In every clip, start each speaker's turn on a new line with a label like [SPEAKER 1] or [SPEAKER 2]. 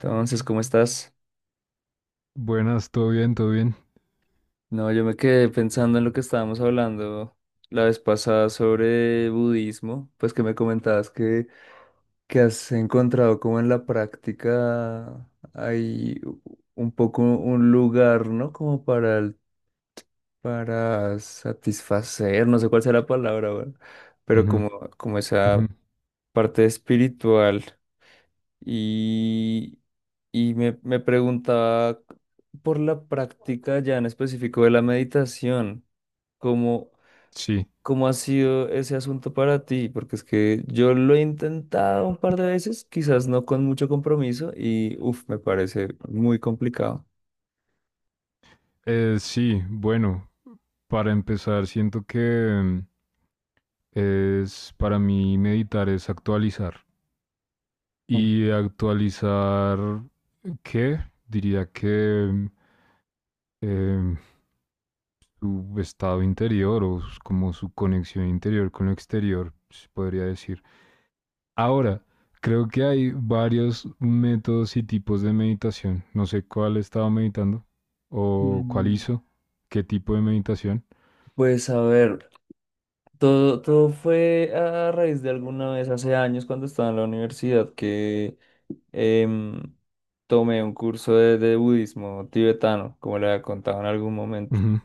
[SPEAKER 1] Entonces, ¿cómo estás?
[SPEAKER 2] Buenas, todo bien, todo bien.
[SPEAKER 1] No, yo me quedé pensando en lo que estábamos hablando la vez pasada sobre budismo, pues que me comentabas que has encontrado como en la práctica hay un poco un lugar, ¿no? Como para, para satisfacer, no sé cuál sea la palabra, ¿verdad? Pero
[SPEAKER 2] Ujú,
[SPEAKER 1] como
[SPEAKER 2] ujú.
[SPEAKER 1] esa parte espiritual. Y, y me preguntaba por la práctica ya en específico de la meditación, ¿cómo,
[SPEAKER 2] Sí,
[SPEAKER 1] cómo ha sido ese asunto para ti? Porque es que yo lo he intentado un par de veces, quizás no con mucho compromiso, y uff, me parece muy complicado.
[SPEAKER 2] sí, bueno, para empezar, siento que es para mí meditar es actualizar.
[SPEAKER 1] Mm.
[SPEAKER 2] Y actualizar, ¿qué? Diría que em, su estado interior o como su conexión interior con lo exterior, se podría decir. Ahora, creo que hay varios métodos y tipos de meditación. No sé cuál estaba meditando o cuál
[SPEAKER 1] Mm.
[SPEAKER 2] hizo, qué tipo de meditación.
[SPEAKER 1] Pues a ver, todo fue a raíz de alguna vez hace años cuando estaba en la universidad que Em, tomé un curso de budismo tibetano, como le había contado en algún momento.
[SPEAKER 2] Ujú,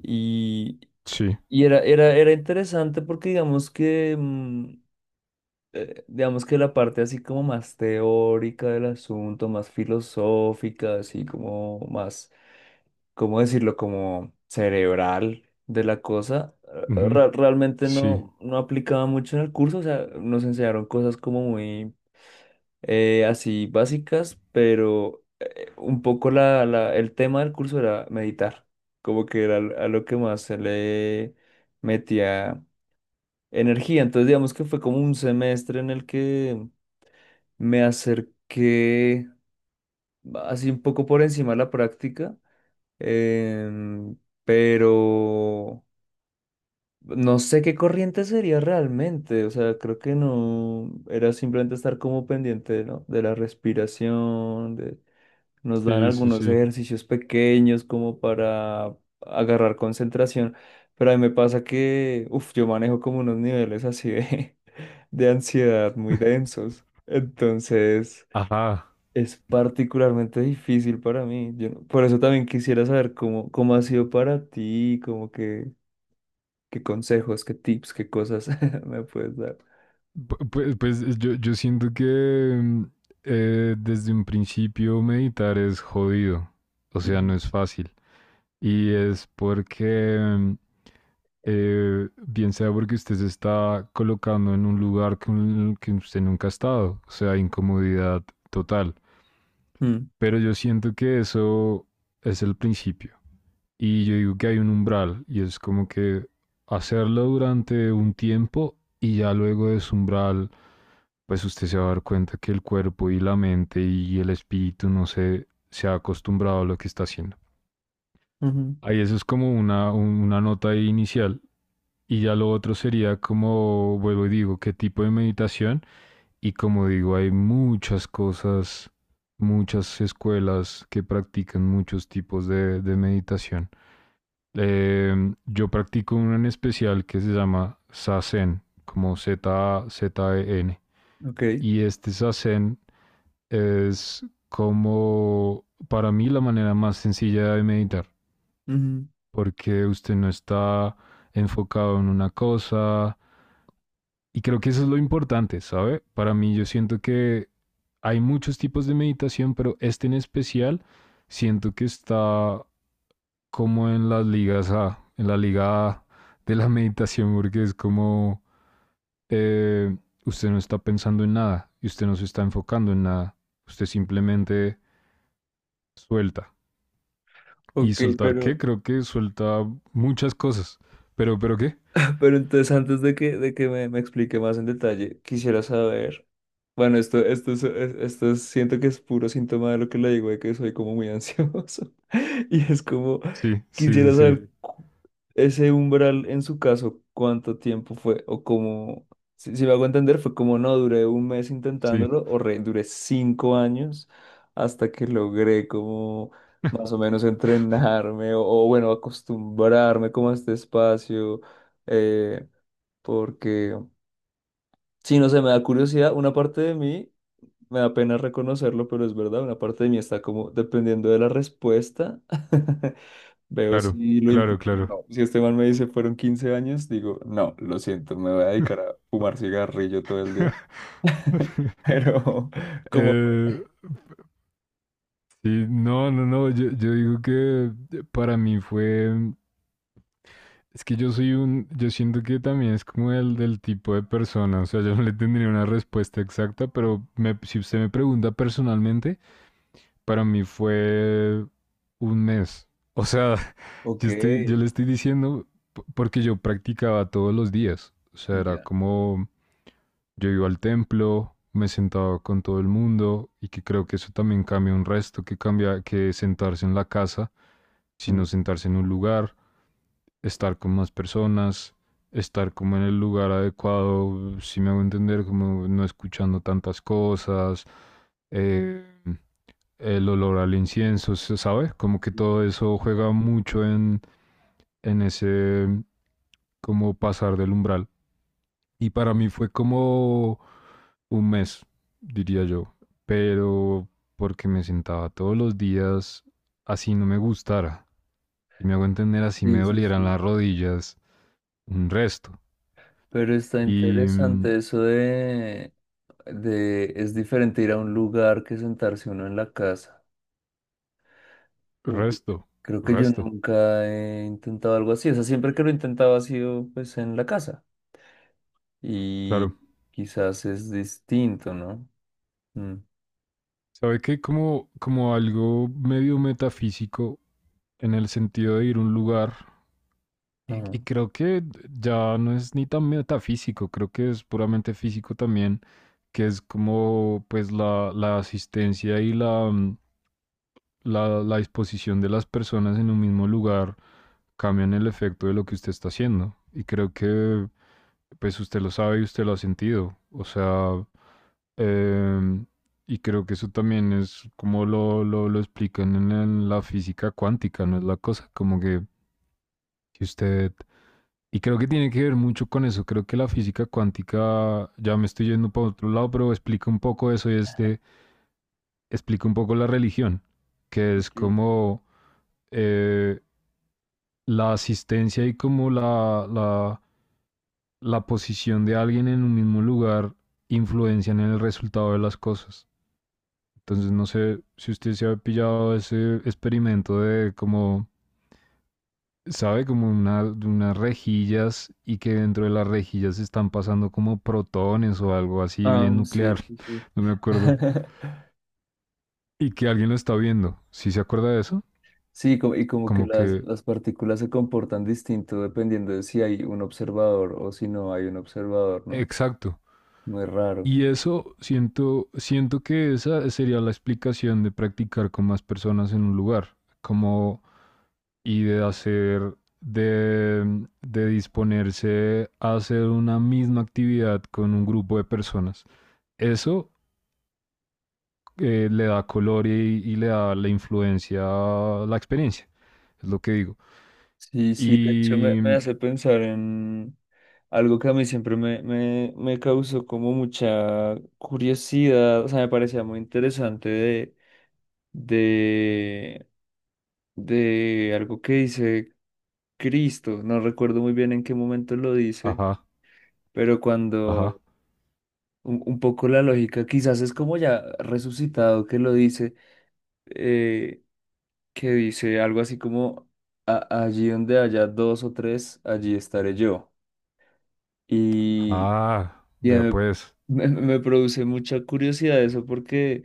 [SPEAKER 1] Y,
[SPEAKER 2] sí,
[SPEAKER 1] y era interesante porque digamos que la parte así como más teórica del asunto, más filosófica, así como más, ¿cómo decirlo? Como cerebral de la cosa,
[SPEAKER 2] ujú,
[SPEAKER 1] realmente
[SPEAKER 2] sí,
[SPEAKER 1] no aplicaba mucho en el curso, o sea, nos enseñaron cosas como muy así básicas, pero un poco el tema del curso era meditar, como que era a lo que más se le metía energía. Entonces, digamos que fue como un semestre en el que me acerqué así un poco por encima de la práctica, em, pero no sé qué corriente sería realmente, o sea, creo que no, era simplemente estar como pendiente, ¿no? De la respiración. Nos dan
[SPEAKER 2] sí, sí,
[SPEAKER 1] algunos
[SPEAKER 2] sí.
[SPEAKER 1] ejercicios pequeños como para agarrar concentración, pero a mí me pasa que, uff, yo manejo como unos niveles así de, de ansiedad muy densos. Entonces,
[SPEAKER 2] Ajá.
[SPEAKER 1] es particularmente difícil para mí. Yo no- por eso también quisiera saber cómo ha sido para ti, como que, qué consejos, qué tips, qué cosas me puedes dar.
[SPEAKER 2] Pues yo siento que mm, desde un principio meditar es jodido, o sea, no
[SPEAKER 1] Ujú.
[SPEAKER 2] es fácil. Y es porque bien sea porque usted se está colocando en un lugar que, que usted nunca ha estado, o sea, incomodidad total.
[SPEAKER 1] Mm.
[SPEAKER 2] Pero yo siento que eso es el principio. Y yo digo que hay un umbral y es como que hacerlo durante un tiempo y ya luego de ese umbral, pues usted se va a dar cuenta que el cuerpo y la mente y el espíritu no se ha acostumbrado a lo que está haciendo.
[SPEAKER 1] Ujú.
[SPEAKER 2] Ahí eso es como una nota ahí inicial. Y ya lo otro sería como, vuelvo y digo, qué tipo de meditación. Y como digo, hay muchas cosas, muchas escuelas que practican muchos tipos de meditación. Yo practico una en especial que se llama Zazen, como Z-Z-E-N.
[SPEAKER 1] Ok.
[SPEAKER 2] Y este Zazen es como, para mí, la manera más sencilla de meditar
[SPEAKER 1] Ujú.
[SPEAKER 2] porque usted no está enfocado en una cosa. Y creo que eso es lo importante, ¿sabe? Para mí yo siento que hay muchos tipos de meditación, pero este en especial siento que está como en las ligas A, en la liga A de la meditación, porque es como eh, usted no está pensando en nada y usted no se está enfocando en nada, usted simplemente suelta. ¿Y
[SPEAKER 1] Ok,
[SPEAKER 2] soltar
[SPEAKER 1] pero.
[SPEAKER 2] qué? Creo que suelta muchas cosas. ¿Pero qué?
[SPEAKER 1] Pero entonces, antes de que me explique más en detalle, quisiera saber, bueno, esto es, siento que es puro síntoma de lo que le digo, de que soy como muy ansioso. Y es como,
[SPEAKER 2] Sí, sí,
[SPEAKER 1] quisiera
[SPEAKER 2] sí, sí.
[SPEAKER 1] saber ese umbral en su caso, cuánto tiempo fue, o cómo, si me hago entender, fue como no, duré un mes
[SPEAKER 2] Sí,
[SPEAKER 1] intentándolo, o duré cinco años hasta que logré como más o menos entrenarme, o bueno, acostumbrarme como a este espacio eh, porque, si no sé, me da curiosidad, una parte de mí, me da pena reconocerlo, pero es verdad, una parte de mí está como, dependiendo de la respuesta, veo
[SPEAKER 2] claro,
[SPEAKER 1] si lo
[SPEAKER 2] claro,
[SPEAKER 1] intento o
[SPEAKER 2] claro.
[SPEAKER 1] no. Si este man me dice fueron 15 años, digo, no, lo siento, me voy a dedicar a fumar cigarrillo todo el día. Pero, ¿como fue?
[SPEAKER 2] Eh, sí, no, no, no, yo digo que para mí fue, es que yo soy un, yo siento que también es como el del tipo de persona, o sea, yo no le tendría una respuesta exacta, pero si usted me pregunta personalmente, para mí fue un mes. O sea,
[SPEAKER 1] Ok,
[SPEAKER 2] yo le estoy diciendo porque yo practicaba todos los días, o sea, era
[SPEAKER 1] ya.
[SPEAKER 2] como. Yo iba al templo, me sentaba con todo el mundo y que creo que eso también cambia un resto, que cambia que sentarse en la casa,
[SPEAKER 1] Mm.
[SPEAKER 2] sino sentarse en un lugar, estar con más personas, estar como en el lugar adecuado, si me hago entender, como no escuchando tantas cosas, eh, el olor al incienso, ¿sabes? Como que todo eso juega mucho en ese como pasar del umbral. Y para mí fue como un mes, diría yo. Pero porque me sentaba todos los días así no me gustara. Y me hago entender así me
[SPEAKER 1] Sí, sí,
[SPEAKER 2] dolieran
[SPEAKER 1] sí.
[SPEAKER 2] las rodillas un resto.
[SPEAKER 1] Pero está
[SPEAKER 2] Y
[SPEAKER 1] interesante eso de, es diferente ir a un lugar que sentarse uno en la casa. Porque
[SPEAKER 2] resto,
[SPEAKER 1] creo que yo
[SPEAKER 2] resto,
[SPEAKER 1] nunca he intentado algo así. O sea, siempre que lo he intentado ha sido pues en la casa.
[SPEAKER 2] claro.
[SPEAKER 1] Y quizás es distinto, ¿no? Mm,
[SPEAKER 2] ¿Sabe que como algo medio metafísico en el sentido de ir a un lugar? Y,
[SPEAKER 1] ajá.
[SPEAKER 2] y creo que ya no es ni tan metafísico, creo que es puramente físico también, que es como pues la asistencia y la disposición de las personas en un mismo lugar cambian el efecto de lo que usted está haciendo. Y creo que pues usted lo sabe y usted lo ha sentido. O sea, em, y creo que eso también es como lo explican en la física cuántica, ¿no es la cosa? Como que si usted. Y creo que tiene que ver mucho con eso. Creo que la física cuántica, ya me estoy yendo para otro lado, pero explica un poco eso y explica un poco la religión, que es
[SPEAKER 1] Ok.
[SPEAKER 2] como eh, la asistencia y como la posición de alguien en un mismo lugar influencian en el resultado de las cosas. Entonces, no sé si usted se ha pillado ese experimento de como sabe, de unas rejillas y que dentro de las rejillas están pasando como protones o algo así
[SPEAKER 1] Ah,
[SPEAKER 2] bien
[SPEAKER 1] sí,
[SPEAKER 2] nuclear,
[SPEAKER 1] sí, sí.
[SPEAKER 2] no me acuerdo. Y que alguien lo está viendo, ¿sí se acuerda de eso?
[SPEAKER 1] Sí, y como que
[SPEAKER 2] Como
[SPEAKER 1] las,
[SPEAKER 2] que,
[SPEAKER 1] las partículas se comportan distinto dependiendo de si hay un observador o si no hay un observador, ¿no?
[SPEAKER 2] exacto.
[SPEAKER 1] Muy raro.
[SPEAKER 2] Y eso siento que esa sería la explicación de practicar con más personas en un lugar, como y de hacer, de disponerse a hacer una misma actividad con un grupo de personas. Eso le da color y le da la influencia, la experiencia, es lo que digo.
[SPEAKER 1] Sí, sí, de hecho me
[SPEAKER 2] Y,
[SPEAKER 1] hace pensar en algo que a mí siempre me causó como mucha curiosidad, o sea, me parecía muy interesante de, de algo que dice Cristo, no recuerdo muy bien en qué momento lo dice,
[SPEAKER 2] ajá,
[SPEAKER 1] pero
[SPEAKER 2] ajá,
[SPEAKER 1] cuando un poco la lógica, quizás es como ya resucitado que lo dice, eh, que dice algo así como, "Allí donde haya dos o tres, allí estaré yo." Y,
[SPEAKER 2] ah,
[SPEAKER 1] y
[SPEAKER 2] vea pues,
[SPEAKER 1] me produce mucha curiosidad eso porque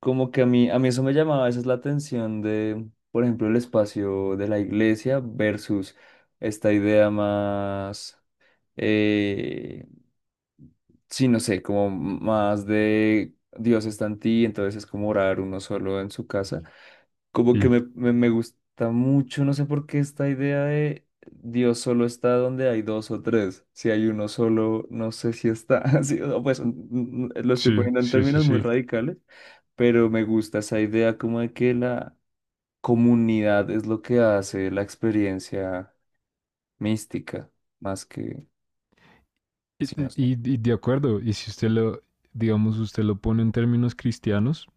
[SPEAKER 1] como que a mí eso me llamaba esa es la atención de, por ejemplo, el espacio de la iglesia versus esta idea más, eh, sí, no sé, como más de Dios está en ti, entonces es como orar uno solo en su casa. Como que
[SPEAKER 2] sí,
[SPEAKER 1] me gusta mucho, no sé por qué esta idea de Dios solo está donde hay dos o tres. Si hay uno solo, no sé si está. Así o pues lo estoy
[SPEAKER 2] sí,
[SPEAKER 1] poniendo en
[SPEAKER 2] sí, sí,
[SPEAKER 1] términos muy
[SPEAKER 2] sí.
[SPEAKER 1] radicales, pero me gusta esa idea como de que la comunidad es lo que hace la experiencia mística, más que,
[SPEAKER 2] Y,
[SPEAKER 1] sí, no sé.
[SPEAKER 2] y de acuerdo, y si usted lo, digamos, usted lo pone en términos cristianos,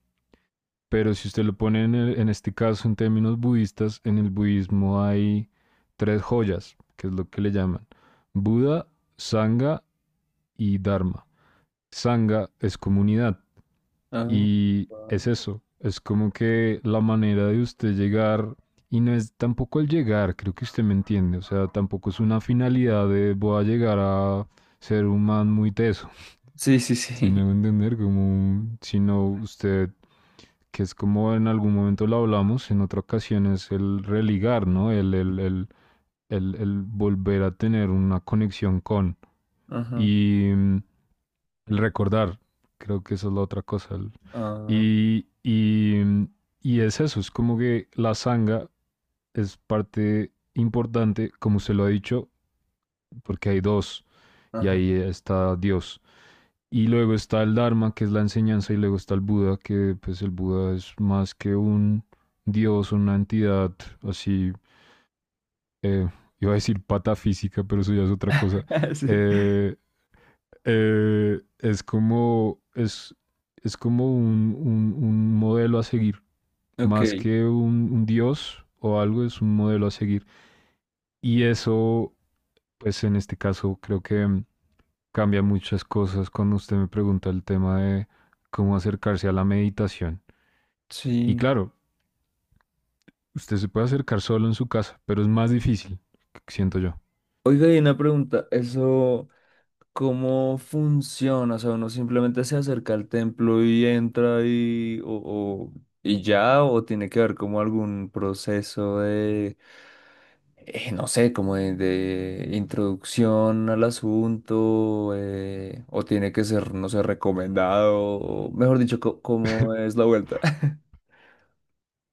[SPEAKER 2] pero si usted lo pone en, en este caso en términos budistas, en el budismo hay tres joyas, que es lo que le llaman Buda, Sangha y Dharma. Sangha es comunidad.
[SPEAKER 1] Ah,
[SPEAKER 2] Y
[SPEAKER 1] wow.
[SPEAKER 2] es eso, es como que la manera de usted llegar, y no es tampoco el llegar, creo que usted me entiende, o sea, tampoco es una finalidad de voy a llegar a ser un man muy teso,
[SPEAKER 1] Sí, sí,
[SPEAKER 2] si me
[SPEAKER 1] sí.
[SPEAKER 2] va a entender, como, sino usted, que es como en algún momento lo hablamos, en otra ocasión es el religar, ¿no? El volver a tener una conexión con.
[SPEAKER 1] Ajá.
[SPEAKER 2] Y el recordar, creo que esa es la otra cosa.
[SPEAKER 1] Ah,
[SPEAKER 2] Y, y, mm, y es eso, es como que la sanga es parte importante, como se lo ha dicho, porque hay dos, y
[SPEAKER 1] ajá.
[SPEAKER 2] ahí está Dios. Y luego está el Dharma, que es la enseñanza, y luego está el Buda, que pues el Buda es más que un Dios, una entidad así, eh, iba a decir patafísica pero eso ya es otra cosa.
[SPEAKER 1] Sí.
[SPEAKER 2] Eh, eh, es como, es, es como un modelo a seguir,
[SPEAKER 1] Ok,
[SPEAKER 2] más que un dios o algo, es un modelo a seguir. Y eso, pues en este caso, creo que cambia muchas cosas cuando usted me pregunta el tema de cómo acercarse a la meditación. Y
[SPEAKER 1] sí.
[SPEAKER 2] claro, usted se puede acercar solo en su casa, pero es más difícil, siento yo.
[SPEAKER 1] Oiga, y una pregunta, eso. ¿Cómo funciona? O sea, uno simplemente se acerca al templo y entra y, o, o- y ya, o tiene que haber como algún proceso de, no sé, como de introducción al asunto, o tiene que ser, no sé, recomendado, o mejor dicho, ¿cómo es la vuelta?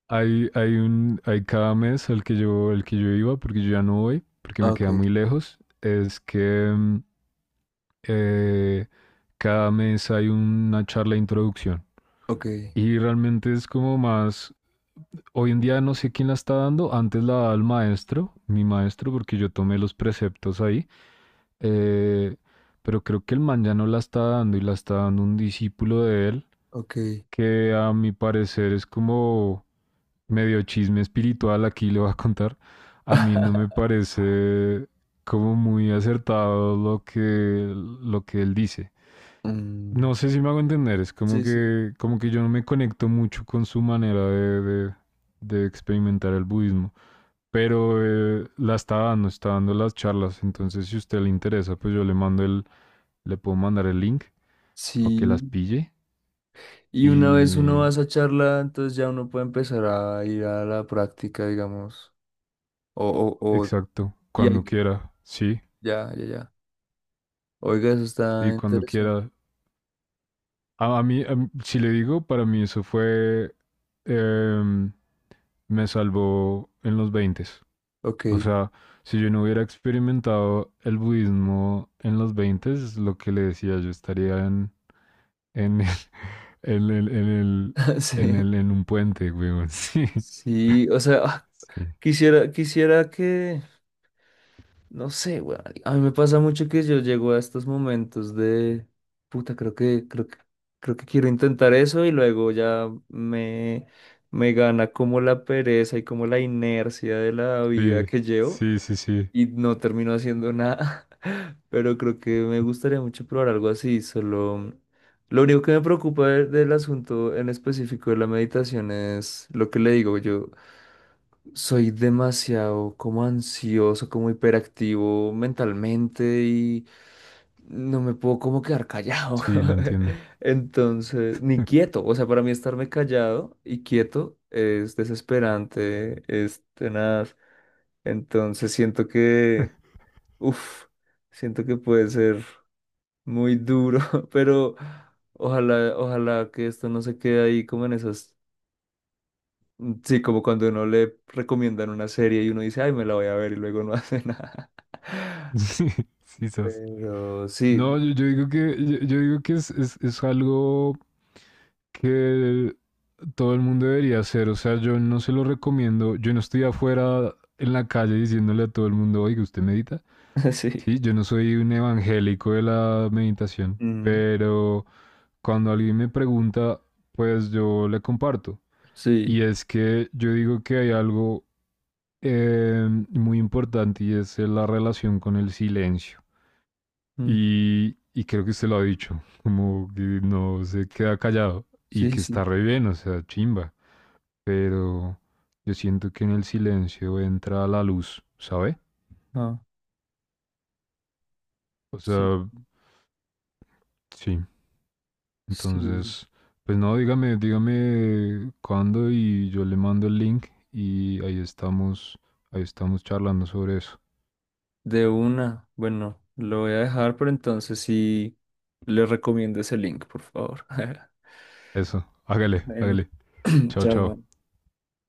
[SPEAKER 2] Hay cada mes al que yo, el que yo iba, porque yo ya no voy, porque me
[SPEAKER 1] Ok,
[SPEAKER 2] queda muy lejos, es que eh, cada mes hay una charla de introducción.
[SPEAKER 1] ok,
[SPEAKER 2] Y realmente es como más, hoy en día no sé quién la está dando, antes la daba el maestro, mi maestro, porque yo tomé los preceptos ahí, eh, pero creo que el man ya no la está dando y la está dando un discípulo de él,
[SPEAKER 1] ok.
[SPEAKER 2] que a mi parecer es como medio chisme espiritual, aquí le voy a contar, a mí no me parece como muy acertado lo que él dice.
[SPEAKER 1] Mm.
[SPEAKER 2] No sé si me hago entender, es como
[SPEAKER 1] Sí, sí.
[SPEAKER 2] que, como que yo no me conecto mucho con su manera de experimentar el budismo, pero está dando las charlas, entonces si a usted le interesa, pues yo le mando le puedo mandar el link para que las
[SPEAKER 1] Sí.
[SPEAKER 2] pille
[SPEAKER 1] Y una vez uno
[SPEAKER 2] y
[SPEAKER 1] va a esa charla, entonces ya uno puede empezar a ir a la práctica, digamos. O, o, o,
[SPEAKER 2] exacto,
[SPEAKER 1] y hay-
[SPEAKER 2] cuando quiera, sí,
[SPEAKER 1] ya, ya, ya. Oiga, eso está
[SPEAKER 2] sí, cuando
[SPEAKER 1] interesante.
[SPEAKER 2] quiera. A mí, si le digo, para mí eso fue, em, me salvó en los 20.
[SPEAKER 1] Ok.
[SPEAKER 2] O sea, si yo no hubiera experimentado el budismo en los 20, es lo que le decía. Yo estaría en, el- en, el- en, el-
[SPEAKER 1] Sí.
[SPEAKER 2] en un puente, weón. Sí,
[SPEAKER 1] Sí, o sea, ah, quisiera, quisiera que, no sé, weón. A mí me pasa mucho que yo llego a estos momentos de, puta, creo que quiero intentar eso y luego ya me gana como la pereza y como la inercia de la vida
[SPEAKER 2] sí.
[SPEAKER 1] que llevo.
[SPEAKER 2] Sí, sí, sí, sí.
[SPEAKER 1] Y no termino haciendo nada. Pero creo que me gustaría mucho probar algo así. Solo lo único que me preocupa del asunto en específico de la meditación es lo que le digo. Yo soy demasiado como ansioso, como hiperactivo mentalmente y no me puedo como quedar callado.
[SPEAKER 2] Sí, lo entiendo.
[SPEAKER 1] Entonces, ni quieto. O sea, para mí estarme callado y quieto es desesperante, es tenaz. Entonces siento que Uf, siento que puede ser muy duro, pero ojalá, ojalá que esto no se quede ahí como en esas, sí, como cuando uno le recomiendan una serie y uno dice, ay, me la voy a ver y luego no hace nada.
[SPEAKER 2] Sí, sí, sas.
[SPEAKER 1] Pero
[SPEAKER 2] No,
[SPEAKER 1] sí.
[SPEAKER 2] yo digo que es algo que todo el mundo debería hacer. O sea, yo no se lo recomiendo. Yo no estoy afuera en la calle diciéndole a todo el mundo, oiga, ¿usted medita?
[SPEAKER 1] Sí,
[SPEAKER 2] Sí, yo no soy un evangélico de la meditación,
[SPEAKER 1] mm,
[SPEAKER 2] pero cuando alguien me pregunta, pues yo le comparto.
[SPEAKER 1] sí,
[SPEAKER 2] Y es que yo digo que hay algo muy importante y es la relación con el silencio.
[SPEAKER 1] mm,
[SPEAKER 2] Y creo que usted lo ha dicho, como que no se queda callado y
[SPEAKER 1] sí,
[SPEAKER 2] que está
[SPEAKER 1] sí,
[SPEAKER 2] re bien, o sea, chimba. Pero yo siento que en el silencio entra la luz, ¿sabe?
[SPEAKER 1] ah,
[SPEAKER 2] O
[SPEAKER 1] sí,
[SPEAKER 2] sea, sí.
[SPEAKER 1] sí.
[SPEAKER 2] Entonces, pues no, dígame, dígame cuándo y yo le mando el link y ahí estamos charlando sobre eso.
[SPEAKER 1] De una, bueno, lo voy a dejar, pero entonces sí, le recomiendo ese link, por favor.
[SPEAKER 2] Eso, hágale,
[SPEAKER 1] Bueno,
[SPEAKER 2] hágale. Chao,
[SPEAKER 1] chao.
[SPEAKER 2] chao.
[SPEAKER 1] Juan.